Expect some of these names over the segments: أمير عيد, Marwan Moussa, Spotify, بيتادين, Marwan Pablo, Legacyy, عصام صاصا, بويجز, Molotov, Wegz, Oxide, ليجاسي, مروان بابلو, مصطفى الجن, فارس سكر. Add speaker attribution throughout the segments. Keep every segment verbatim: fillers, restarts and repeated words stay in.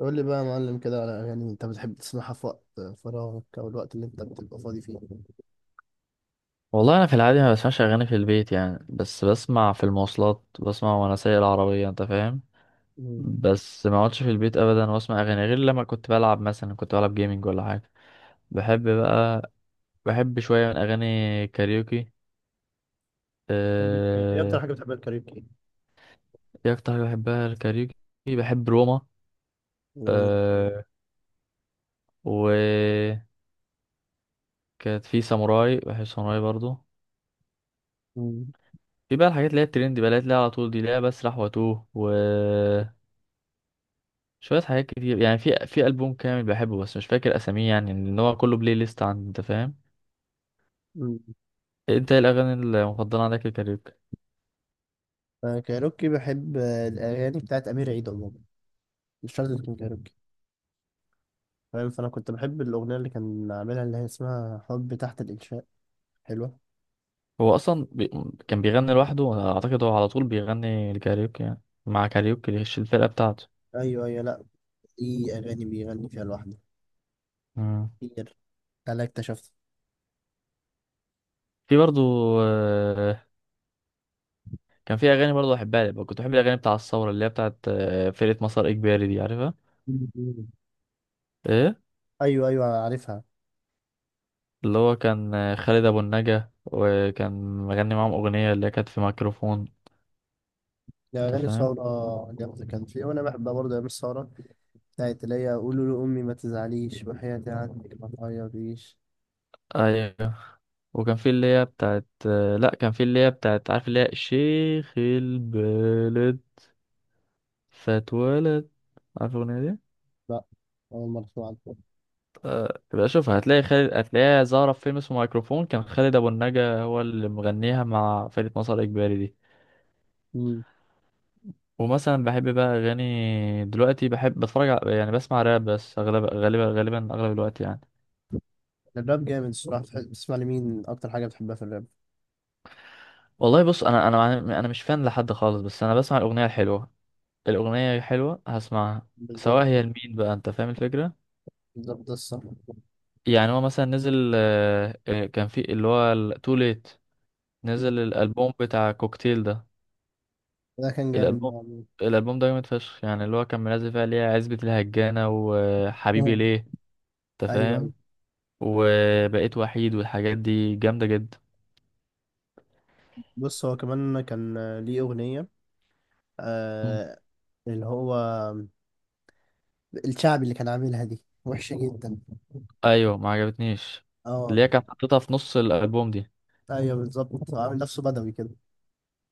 Speaker 1: قول لي بقى يا معلم كده على أغاني أنت بتحب تسمعها في وقت فراغك أو الوقت اللي أنت بتبقى فاضي فيه.
Speaker 2: والله انا في العادي ما بسمعش اغاني في البيت، يعني بس بسمع في المواصلات، بسمع وانا سايق العربيه. انت فاهم؟
Speaker 1: مم.
Speaker 2: بس ما اقعدش في البيت ابدا واسمع اغاني غير لما كنت بلعب، مثلا كنت بلعب جيمنج ولا حاجه. بحب بقى، بحب شويه من اغاني كاريوكي.
Speaker 1: بتحب الكاريوكي؟ ايه اكتر
Speaker 2: أه...
Speaker 1: حاجه بتحبها الكاريوكي؟
Speaker 2: ايه اكتر حاجه بحبها الكاريوكي؟ بحب روما.
Speaker 1: رمضان.
Speaker 2: أه... وكانت في ساموراي، بحب ساموراي برضو.
Speaker 1: مم.
Speaker 2: في بقى الحاجات اللي هي الترند بقى، اللي هي على طول دي، اللي هي بسرح واتوه، و شوية حاجات كتير يعني. في في ألبوم كامل بحبه بس مش فاكر أساميه، يعني إن هو كله بلاي ليست عندي. أنت فاهم؟
Speaker 1: مم.
Speaker 2: أنت إيه الأغاني المفضلة عندك الكاريوكي؟
Speaker 1: أنا كايروكي بحب الأغاني بتاعت أمير عيد عموما، مش شرط تكون كايروكي، فاهم. فأنا كنت بحب الأغنية اللي كان عاملها اللي هي اسمها حب تحت الإنشاء، حلوة.
Speaker 2: هو أصلا بي... كان بيغني لوحده، وأنا أعتقد هو على طول بيغني الكاريوكي يعني، مع كاريوكي اللي هي الفرقة بتاعته.
Speaker 1: أيوه أيوه، لأ، دي أغاني بيغني فيها لوحده
Speaker 2: مم.
Speaker 1: كتير، أنا اكتشفت.
Speaker 2: في برضو. آه، كان في أغاني برضو أحبها. لي كنت بحب الأغاني بتاع الثورة اللي هي بتاعت آه، فرقة مسار إجباري دي، عارفها؟
Speaker 1: مم.
Speaker 2: إيه.
Speaker 1: أيوه أيوه عارفها.
Speaker 2: اللي هو كان آه، خالد أبو النجا، وكان مغني معاهم أغنية اللي هي كانت في ميكروفون.
Speaker 1: يا
Speaker 2: أنت
Speaker 1: أغاني
Speaker 2: فاهم؟
Speaker 1: الثورة جامدة، كان في وأنا بحبها برضه أيام الثورة، بتاعت اللي هي قولوا لأمي ما تزعليش وحياتي عنك ما تعيطيش.
Speaker 2: ايوه. وكان في اللي هي بتاعت، لا كان في اللي هي بتاعت، عارف اللي هي شيخ البلد؟ فاتولد. عارف الأغنية دي؟
Speaker 1: لا، أول مرة أسمع عنها.
Speaker 2: آه، يبقى شوف، هتلاقي خالد، هتلاقيها ظاهرة في فيلم اسمه مايكروفون. كان خالد أبو النجا هو اللي مغنيها مع فرقة مسار إجباري دي.
Speaker 1: امم.
Speaker 2: ومثلا بحب بقى أغاني دلوقتي، بحب بتفرج على، يعني بسمع راب بس أغلب، غالبا غالبا أغلب الوقت يعني.
Speaker 1: الراب جامد الصراحة، بتح- بتسمع لمين أكتر حاجة بتحبها في الراب؟
Speaker 2: والله بص، أنا أنا أنا مش فان لحد خالص، بس أنا بسمع الأغنية الحلوة. الأغنية حلوة هسمعها،
Speaker 1: بالظبط
Speaker 2: سواء هي لمين بقى. أنت فاهم الفكرة؟
Speaker 1: بالظبط ده الصح.
Speaker 2: يعني هو مثلا نزل، آه، آه، كان في اللي هو تو ليت،
Speaker 1: أمم.
Speaker 2: نزل الالبوم بتاع كوكتيل ده.
Speaker 1: ده كان جامد
Speaker 2: الالبوم
Speaker 1: مع مين؟
Speaker 2: الالبوم ده جامد فشخ، يعني اللي هو كان منزل فيها ليه عزبة الهجانة وحبيبي
Speaker 1: اه،
Speaker 2: ليه. انت
Speaker 1: أيوه أيوه.
Speaker 2: فاهم؟ وبقيت وحيد، والحاجات دي جامدة جدا.
Speaker 1: بص هو كمان كان آه، ليه أغنية،
Speaker 2: مم.
Speaker 1: آه، اللي هو الشعبي اللي كان عاملها دي وحشة جدا.
Speaker 2: ايوه ما عجبتنيش.
Speaker 1: اه،
Speaker 2: اللي هي كانت حطيتها في نص الالبوم دي
Speaker 1: أيوه بالظبط، عامل نفسه بدوي كده،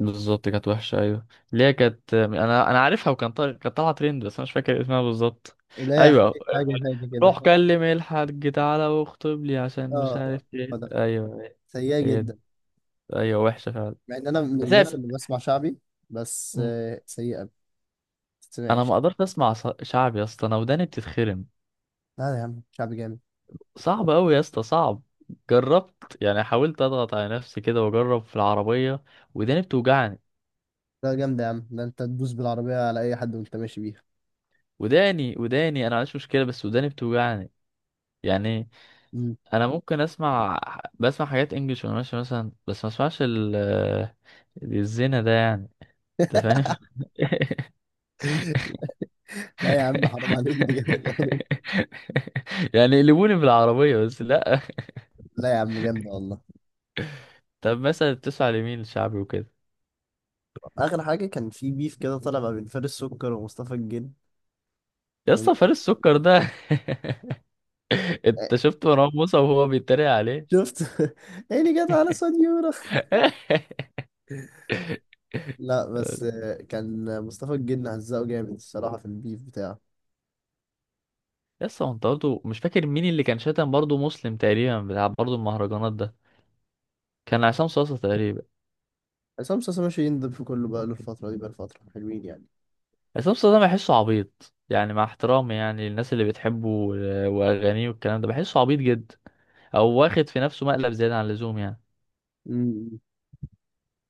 Speaker 2: بالظبط، كانت وحشة. أيوة، اللي هي كانت أنا أنا عارفها، وكان طالع، كانت طالعة ترند، بس أنا مش فاكر اسمها بالظبط.
Speaker 1: اللي هي أحكي
Speaker 2: أيوة،
Speaker 1: لك حاجة، حاجة كده.
Speaker 2: روح كلم الحاج تعالى واخطب لي، عشان مش
Speaker 1: اه،
Speaker 2: عارف ايه.
Speaker 1: بدوي،
Speaker 2: أيوة،
Speaker 1: سيئة
Speaker 2: هي دي.
Speaker 1: جدا.
Speaker 2: أيوة وحشة فعلا،
Speaker 1: مع ان انا من
Speaker 2: بس
Speaker 1: الناس
Speaker 2: هي-
Speaker 1: اللي بسمع شعبي، بس
Speaker 2: مم.
Speaker 1: آه، سيئه ما
Speaker 2: أنا ما
Speaker 1: بتسمعش.
Speaker 2: قدرت أسمع ص- شعب يا اسطى، أنا وداني بتتخرم.
Speaker 1: لا يا عم شعبي جامد،
Speaker 2: صعب أوي يا اسطى، صعب. جربت يعني، حاولت أضغط على نفسي كده وأجرب في العربية، وداني بتوجعني.
Speaker 1: لا جامد يا عم، ده انت تدوس بالعربيه على اي حد وانت ماشي بيها.
Speaker 2: وداني وداني، أنا معنديش مشكلة بس وداني بتوجعني يعني.
Speaker 1: مم.
Speaker 2: انا ممكن اسمع، بسمع حاجات انجلش وانا ماشي مثلا، بس ما اسمعش ال الزنا ده يعني. انت فاهم؟
Speaker 1: لا يا عم حرام عليك ده جامد قوي.
Speaker 2: يعني يقلبوني بالعربية، بس لا.
Speaker 1: لا يا عم جامد والله.
Speaker 2: طب مثلا بتسمع لمين الشعبي وكده؟
Speaker 1: اخر حاجه كان في بيف كده طالع ما بين فارس سكر ومصطفى الجن،
Speaker 2: يا
Speaker 1: كان
Speaker 2: اسطى
Speaker 1: جامد.
Speaker 2: فارس السكر ده. انت شفت مروان موسى وهو بيتريق عليه؟
Speaker 1: شفت عيني جت على صنيورة. لا بس آه، كان مصطفى الجن هزقه جامد الصراحه في البيف بتاعه.
Speaker 2: يا اسطى، هو انت برضه مش فاكر مين اللي كان شاتم برضه، مسلم تقريبا بتاع برضه المهرجانات ده؟ كان عصام صاصا تقريبا.
Speaker 1: عصام صاصا ماشي يندب في كله بقاله الفتره دي، بقى الفتره حلوين يعني.
Speaker 2: عصام صاصا ده بحسه عبيط يعني، مع احترامي يعني، الناس اللي بتحبه و- واغانيه والكلام ده، بحسه عبيط جدا، او واخد في نفسه مقلب زياده عن اللزوم يعني.
Speaker 1: مم.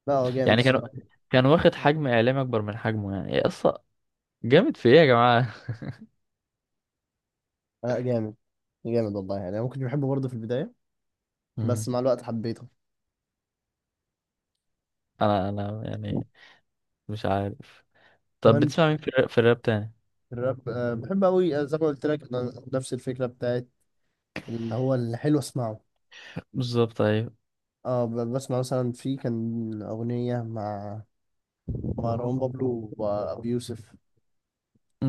Speaker 1: لا هو جامد
Speaker 2: يعني كان
Speaker 1: الصراحه.
Speaker 2: كان واخد حجم اعلامي اكبر من حجمه يعني يا اسطى. جامد في ايه يا جماعه؟
Speaker 1: آه جامد، جامد والله يعني، انا ممكن بحبه برضه في البدايه بس
Speaker 2: مم.
Speaker 1: مع الوقت حبيته.
Speaker 2: انا انا يعني مش عارف. طب
Speaker 1: كمان
Speaker 2: بتسمع مين في الراب، في الراب تاني؟
Speaker 1: الراب آه بحب قوي. آه، زي ما قلت لك، أنا نفس الفكره بتاعت اللي هو الحلو اسمعه.
Speaker 2: بالظبط ايوه.
Speaker 1: اه، ب- بسمع مثلا في كان اغنيه مع مروان بابلو وابي يوسف،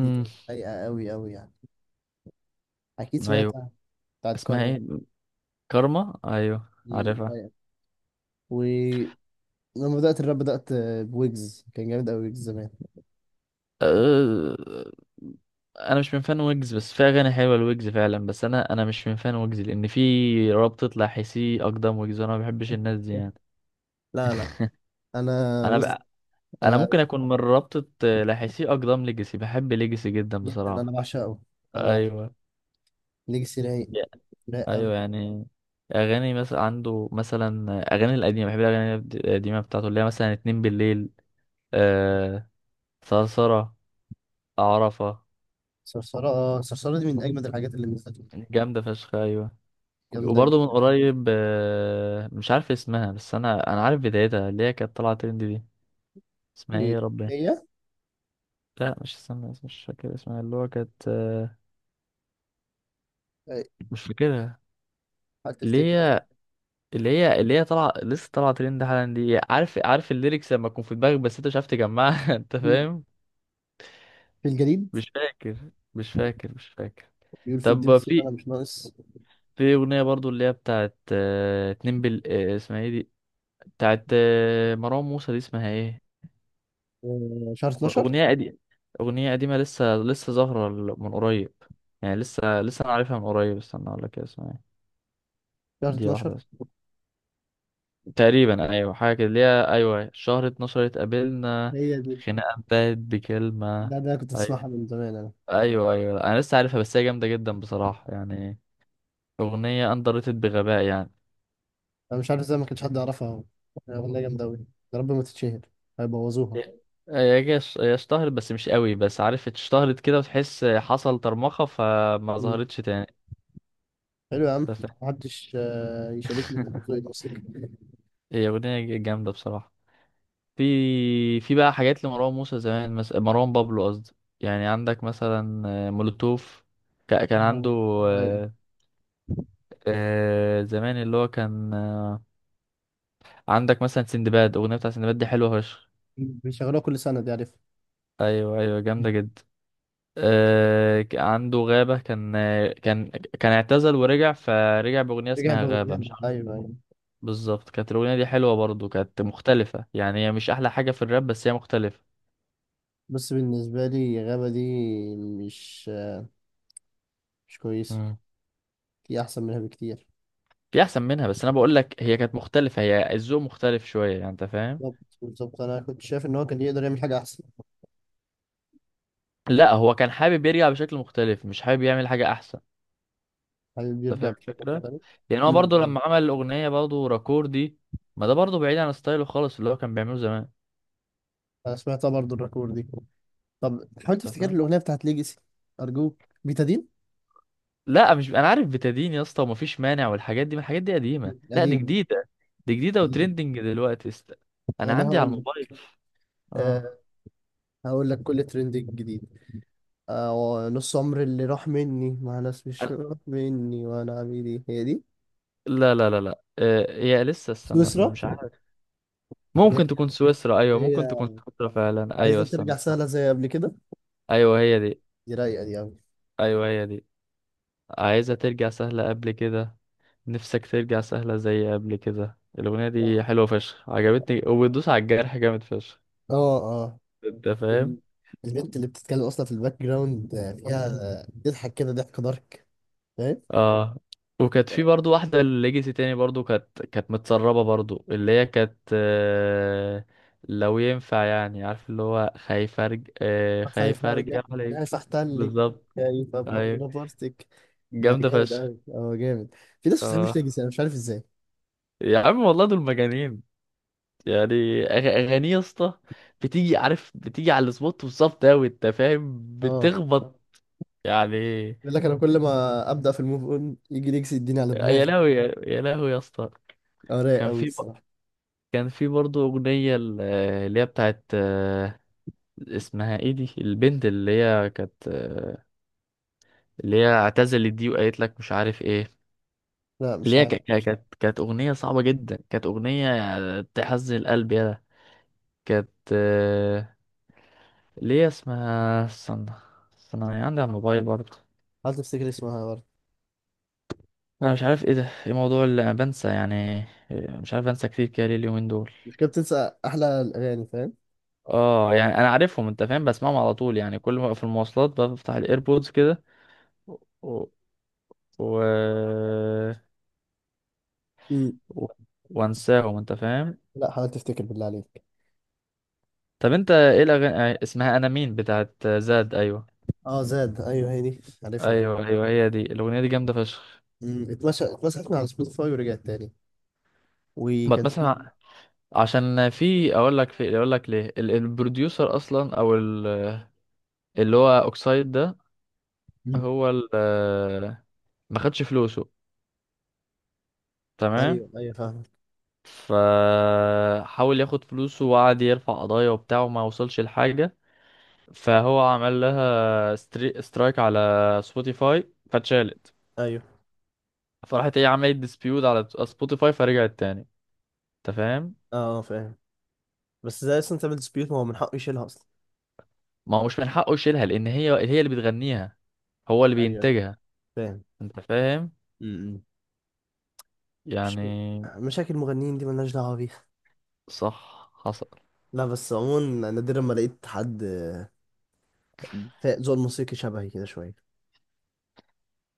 Speaker 1: دي كانت رايقه قوي قوي يعني، اكيد
Speaker 2: ايوه.
Speaker 1: سمعتها، بتاعت
Speaker 2: اسمها
Speaker 1: كارما.
Speaker 2: ايه؟ كارما، ايوه
Speaker 1: دي
Speaker 2: عارفها.
Speaker 1: رايقه. ولما بدات الراب، بدات آه، بويجز، كان جامد قوي ويجز زمان.
Speaker 2: أه، انا مش من فان ويجز، بس في اغاني حلوه لويجز فعلا، بس انا انا مش من فان ويجز، لان في رابطه لاحسي اقدم ويجز، وانا ما بحبش الناس دي يعني.
Speaker 1: لا لا، انا
Speaker 2: انا
Speaker 1: بص،
Speaker 2: بقى، انا
Speaker 1: انا
Speaker 2: ممكن اكون من رابطه آه، لاحسي اقدم ليجاسي، بحب ليجاسي جدا
Speaker 1: جدا انا
Speaker 2: بصراحه.
Speaker 1: بعشقه، انا بعشق
Speaker 2: ايوه.
Speaker 1: ليجاسي، رايق لا قوي.
Speaker 2: ايوه يعني، اغاني مثلا عنده، مثلا اغاني القديمه، بحب الاغاني القديمه بتاعته اللي هي مثلا اتنين بالليل، آه، ثرثره، عرفه.
Speaker 1: صرصرة، اه، صرصرة دي من أجمد الحاجات اللي نزلت،
Speaker 2: جامده فشخ، ايوه.
Speaker 1: جامدة
Speaker 2: وبرضه من
Speaker 1: جدا.
Speaker 2: قريب آه، مش عارف اسمها، بس انا انا عارف بدايتها، اللي هي كانت طالعه ترند دي. اسمها ايه
Speaker 1: إيه
Speaker 2: يا ربي؟
Speaker 1: هي؟
Speaker 2: لا مش اسمها، مش فاكر اسمها، اللي هو كانت آه،
Speaker 1: إيه،
Speaker 2: مش فاكرها.
Speaker 1: هل
Speaker 2: اللي
Speaker 1: تفتكر؟
Speaker 2: هي اللي هي اللي هي طالعه، لسه طالعه ترند حالا دي، عارف عارف الليركس لما تكون في دماغك بس انت مش عارف تجمعها. انت فاهم؟
Speaker 1: في الجليد،
Speaker 2: مش فاكر مش فاكر مش فاكر
Speaker 1: بيقول في الدين
Speaker 2: طب
Speaker 1: السير
Speaker 2: في
Speaker 1: أنا مش ناقص.
Speaker 2: في اغنيه برضو اللي هي بتاعت آه، اتنين بال آه، اسمها ايه دي، بتاعت آه، مروان موسى دي اسمها ايه؟
Speaker 1: آه، شهر اتناشر،
Speaker 2: أغنية قديمة. أغنية قديمة، لسه لسه ظاهرة ال- من قريب، يعني لسه لسه أنا عارفها من قريب، استنى أقول لك اسمها إيه.
Speaker 1: شهر
Speaker 2: دي
Speaker 1: اتناشر،
Speaker 2: واحدة بس. تقريبا أيوة، حاجة كده اللي هي، أيوة شهر اتناشر اتقابلنا.
Speaker 1: هي دي.
Speaker 2: خناقة انتهت بكلمة.
Speaker 1: لا ده أنا كنت أسمعها
Speaker 2: أيوة.
Speaker 1: من زمان أنا،
Speaker 2: أيوة، أيوة، أنا لسه عارفها، بس هي جامدة جدا بصراحة يعني، أغنية أندر ريتد بغباء يعني.
Speaker 1: أنا مش عارف إزاي ما كانش حد يعرفها أهو، أغنية جامدة أوي، يا رب ما تتشهر، هيبوظوها.
Speaker 2: هي هي ش- هي اشتهرت بس مش قوي، بس عارف اشتهرت كده، وتحس حصل طرمخة فما
Speaker 1: مم.
Speaker 2: ظهرتش تاني.
Speaker 1: حلو يا عم،
Speaker 2: أنت فاهم؟
Speaker 1: محدش آه، يشاركني في موضوع الموسيقى.
Speaker 2: هي أغنية جامدة بصراحة. في في بقى حاجات لمروان موسى زمان، مثلا مروان بابلو قصدي، يعني عندك مثلا آه، مولوتوف. ك- كان
Speaker 1: آه،
Speaker 2: عنده،
Speaker 1: أيوة
Speaker 2: آه، آه، زمان اللي هو كان آه، عندك مثلا سندباد، اغنيه بتاع سندباد دي حلوه فشخ.
Speaker 1: بيشغلوها كل سنة، دي عارفها.
Speaker 2: ايوه ايوه جامده جدا. آه، ك- عنده غابه، كان آه، كان، كان اعتزل ورجع، فرجع باغنيه
Speaker 1: رجع
Speaker 2: اسمها
Speaker 1: ب-
Speaker 2: غابه، مش عارف.
Speaker 1: أيوة أيوة.
Speaker 2: بالظبط، كانت الاغنيه دي حلوه برضو، كانت مختلفه يعني، هي مش احلى حاجه في الراب بس هي مختلفه.
Speaker 1: بس بالنسبة لي غابة دي مش، مش كويسة، في أحسن منها بكتير.
Speaker 2: في احسن منها، بس انا بقول لك هي كانت مختلفه، هي الذوق مختلف شويه يعني. انت فاهم؟
Speaker 1: بالظبط بالظبط، أنا كنت شايف إن هو كان يقدر يعمل حاجة أحسن.
Speaker 2: لا هو كان حابب يرجع بشكل مختلف، مش حابب يعمل حاجه احسن.
Speaker 1: حابب
Speaker 2: انت
Speaker 1: يرجع
Speaker 2: فاهم
Speaker 1: بشكل
Speaker 2: الفكره؟
Speaker 1: مختلف.
Speaker 2: يعني هو برضه
Speaker 1: أمم.
Speaker 2: لما عمل الاغنيه برضه راكور دي، ما ده برضه بعيد عن ستايله خالص اللي هو كان بيعمله زمان.
Speaker 1: أنا سمعتها برضه الركور دي. طب حاول
Speaker 2: انت
Speaker 1: تفتكر
Speaker 2: فاهم؟
Speaker 1: الأغنية بتاعت ليجاسي، أرجوك، بيتادين.
Speaker 2: لا مش، انا عارف بتدين يا اسطى، ومفيش مانع، والحاجات دي، ما الحاجات دي قديمه،
Speaker 1: أمم.
Speaker 2: لا دي
Speaker 1: قديم،
Speaker 2: جديده. دي جديده
Speaker 1: قديم.
Speaker 2: وترندنج دلوقتي. است... انا
Speaker 1: أنا
Speaker 2: عندي على
Speaker 1: هقول لك،
Speaker 2: الموبايل. اه.
Speaker 1: أه، هقول لك كل ترند جديد، أه، نص عمر اللي راح مني مع ناس مش راح مني وأنا عبيدي، هي دي.
Speaker 2: لا، لا، لا، لا، آه، هي لسه، استنى
Speaker 1: سويسرا.
Speaker 2: مش عارف.
Speaker 1: اللي
Speaker 2: ممكن
Speaker 1: هي،
Speaker 2: تكون سويسرا، ايوه
Speaker 1: اللي
Speaker 2: ممكن
Speaker 1: هي
Speaker 2: تكون سويسرا فعلا، ايوه
Speaker 1: عايزة
Speaker 2: استنى.
Speaker 1: ترجع سهلة زي قبل كده،
Speaker 2: ايوه هي دي.
Speaker 1: دي رايقه دي قوي.
Speaker 2: ايوه هي دي، عايزة ترجع سهلة قبل كده. نفسك ترجع سهلة زي قبل كده. الأغنية
Speaker 1: اه،
Speaker 2: دي حلوة فشخ، عجبتني، وبتدوس على الجرح جامد فشخ.
Speaker 1: اه،
Speaker 2: انت فاهم؟
Speaker 1: ال- البنت اللي بتتكلم اصلا في الباك جراوند آه، فيها آه، بتضحك كده ضحك دارك، فاهم.
Speaker 2: اه. وكانت في برضو واحدة ليجاسي تاني برضو، كانت كانت متسربة برضو، اللي هي كانت آه، لو ينفع، يعني عارف اللي هو خايف ارجع،
Speaker 1: خايف
Speaker 2: خايف
Speaker 1: ارجع،
Speaker 2: ارجع عليك.
Speaker 1: خايف احتلك،
Speaker 2: بالظبط.
Speaker 1: خايف ابقى في
Speaker 2: ايوه،
Speaker 1: نفرتك. ده
Speaker 2: جامدة
Speaker 1: جامد
Speaker 2: فشخ.
Speaker 1: قوي، اه جامد. في ناس ما بتحبش
Speaker 2: اه
Speaker 1: نيجسي، انا مش عارف ازاي.
Speaker 2: يا عم والله دول مجانين، يعني أغ- اغانيه يا اسطى بتيجي، عارف بتيجي على السبوت بالظبط اوي، انت فاهم
Speaker 1: اه،
Speaker 2: بتخبط يعني.
Speaker 1: يقول لك انا كل ما ابدا في الموف اون يجي نيجسي يديني على
Speaker 2: يا
Speaker 1: دماغي.
Speaker 2: لهوي يا يا لهوي يا اسطى.
Speaker 1: اه رايق
Speaker 2: كان
Speaker 1: قوي
Speaker 2: في،
Speaker 1: الصراحه.
Speaker 2: كان في برضه اغنيه ال- اللي هي بتاعت آه، اسمها ايه دي، البنت اللي هي كانت آه، اللي هي اعتزلت دي، وقالت لك مش عارف ايه.
Speaker 1: لا
Speaker 2: اللي
Speaker 1: مش
Speaker 2: هي
Speaker 1: عارف،
Speaker 2: ك- ك- كانت، كانت اغنيه صعبه جدا، كانت اغنيه تحزن القلب يا ده. كانت، ليه اسمها، استنى، استنى هي عندي على الموبايل برضه.
Speaker 1: حاول تفتكر اسمها برضه.
Speaker 2: انا مش عارف ايه ده، ايه موضوع اللي انا بنسى يعني، مش عارف انسى كتير كده ليه اليومين دول.
Speaker 1: مش كده بتنسى احلى الاغاني، فاهم.
Speaker 2: اه يعني انا عارفهم، انت فاهم بسمعهم على طول يعني، كل ما أبقى في المواصلات بفتح الايربودز كده، و... و...
Speaker 1: امم.
Speaker 2: و... وانساهم. انت فاهم؟
Speaker 1: لا حاول تفتكر بالله عليك.
Speaker 2: طب انت ايه الاغاني، اسمها انا مين بتاعت زاد، ايوه.
Speaker 1: اه زاد، ايوه هي دي، عارفها.
Speaker 2: ايوه ايوه هي دي، الاغنيه دي جامده فشخ.
Speaker 1: مم، اتمشى، اتمسحت من على سبوتيفاي ورجعت تاني. وكان
Speaker 2: بتمثل
Speaker 1: في.
Speaker 2: ع- عشان في اقول لك في اقول لك ليه، ال- البروديوسر اصلا، او ال اللي هو اوكسايد ده،
Speaker 1: مم.
Speaker 2: هو ال- آه، ما خدش فلوسه، تمام؟
Speaker 1: ايوه ايوه فاهم.
Speaker 2: فحاول ياخد فلوسه، وقعد يرفع قضايا وبتاع، وما وصلش لحاجة. فهو عمل لها ستري... سترايك على سبوتيفاي، فاتشالت.
Speaker 1: ايوه،
Speaker 2: فراحت هي عملت ديسبيوت على سبوتيفاي فرجعت تاني. انت فاهم؟
Speaker 1: اه، آه، فاهم. بس زي اصلا تعمل ديسبيوت؟ ما هو من حقه يشيلها اصلا.
Speaker 2: ما هو مش من حقه يشيلها، لان هي هي اللي بتغنيها، هو اللي
Speaker 1: ايوه ايوه
Speaker 2: بينتجها.
Speaker 1: فاهم.
Speaker 2: انت فاهم؟
Speaker 1: امم. مش
Speaker 2: يعني
Speaker 1: مشاكل المغنيين دي ملناش دعوة بيها.
Speaker 2: صح حصل
Speaker 1: لا بس عموما نادرا ما لقيت حد، آه، فا- ذوق الموسيقي شبهي كده شوية.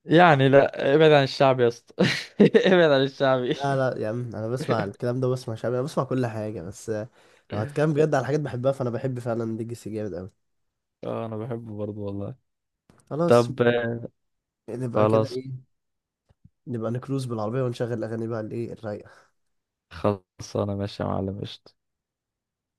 Speaker 2: يعني. لا ابعد عن الشعب يا اسطى، ابعد عن الشعبي.
Speaker 1: لا لا يا عم، انا بسمع الكلام ده، بسمع شعبي، انا بسمع كل حاجة، بس آه، لو هتكلم بجد على حاجات بحبها، فانا بحب فعلا ليجاسي جامد قوي.
Speaker 2: اه انا بحبه برضه والله.
Speaker 1: خلاص،
Speaker 2: طب
Speaker 1: نبقى كده
Speaker 2: خلاص.
Speaker 1: ايه، نبقى نكروز بالعربية ونشغل اغاني بقى الايه الرايقة.
Speaker 2: خلاص انا ماشي يا معلم، قشطة.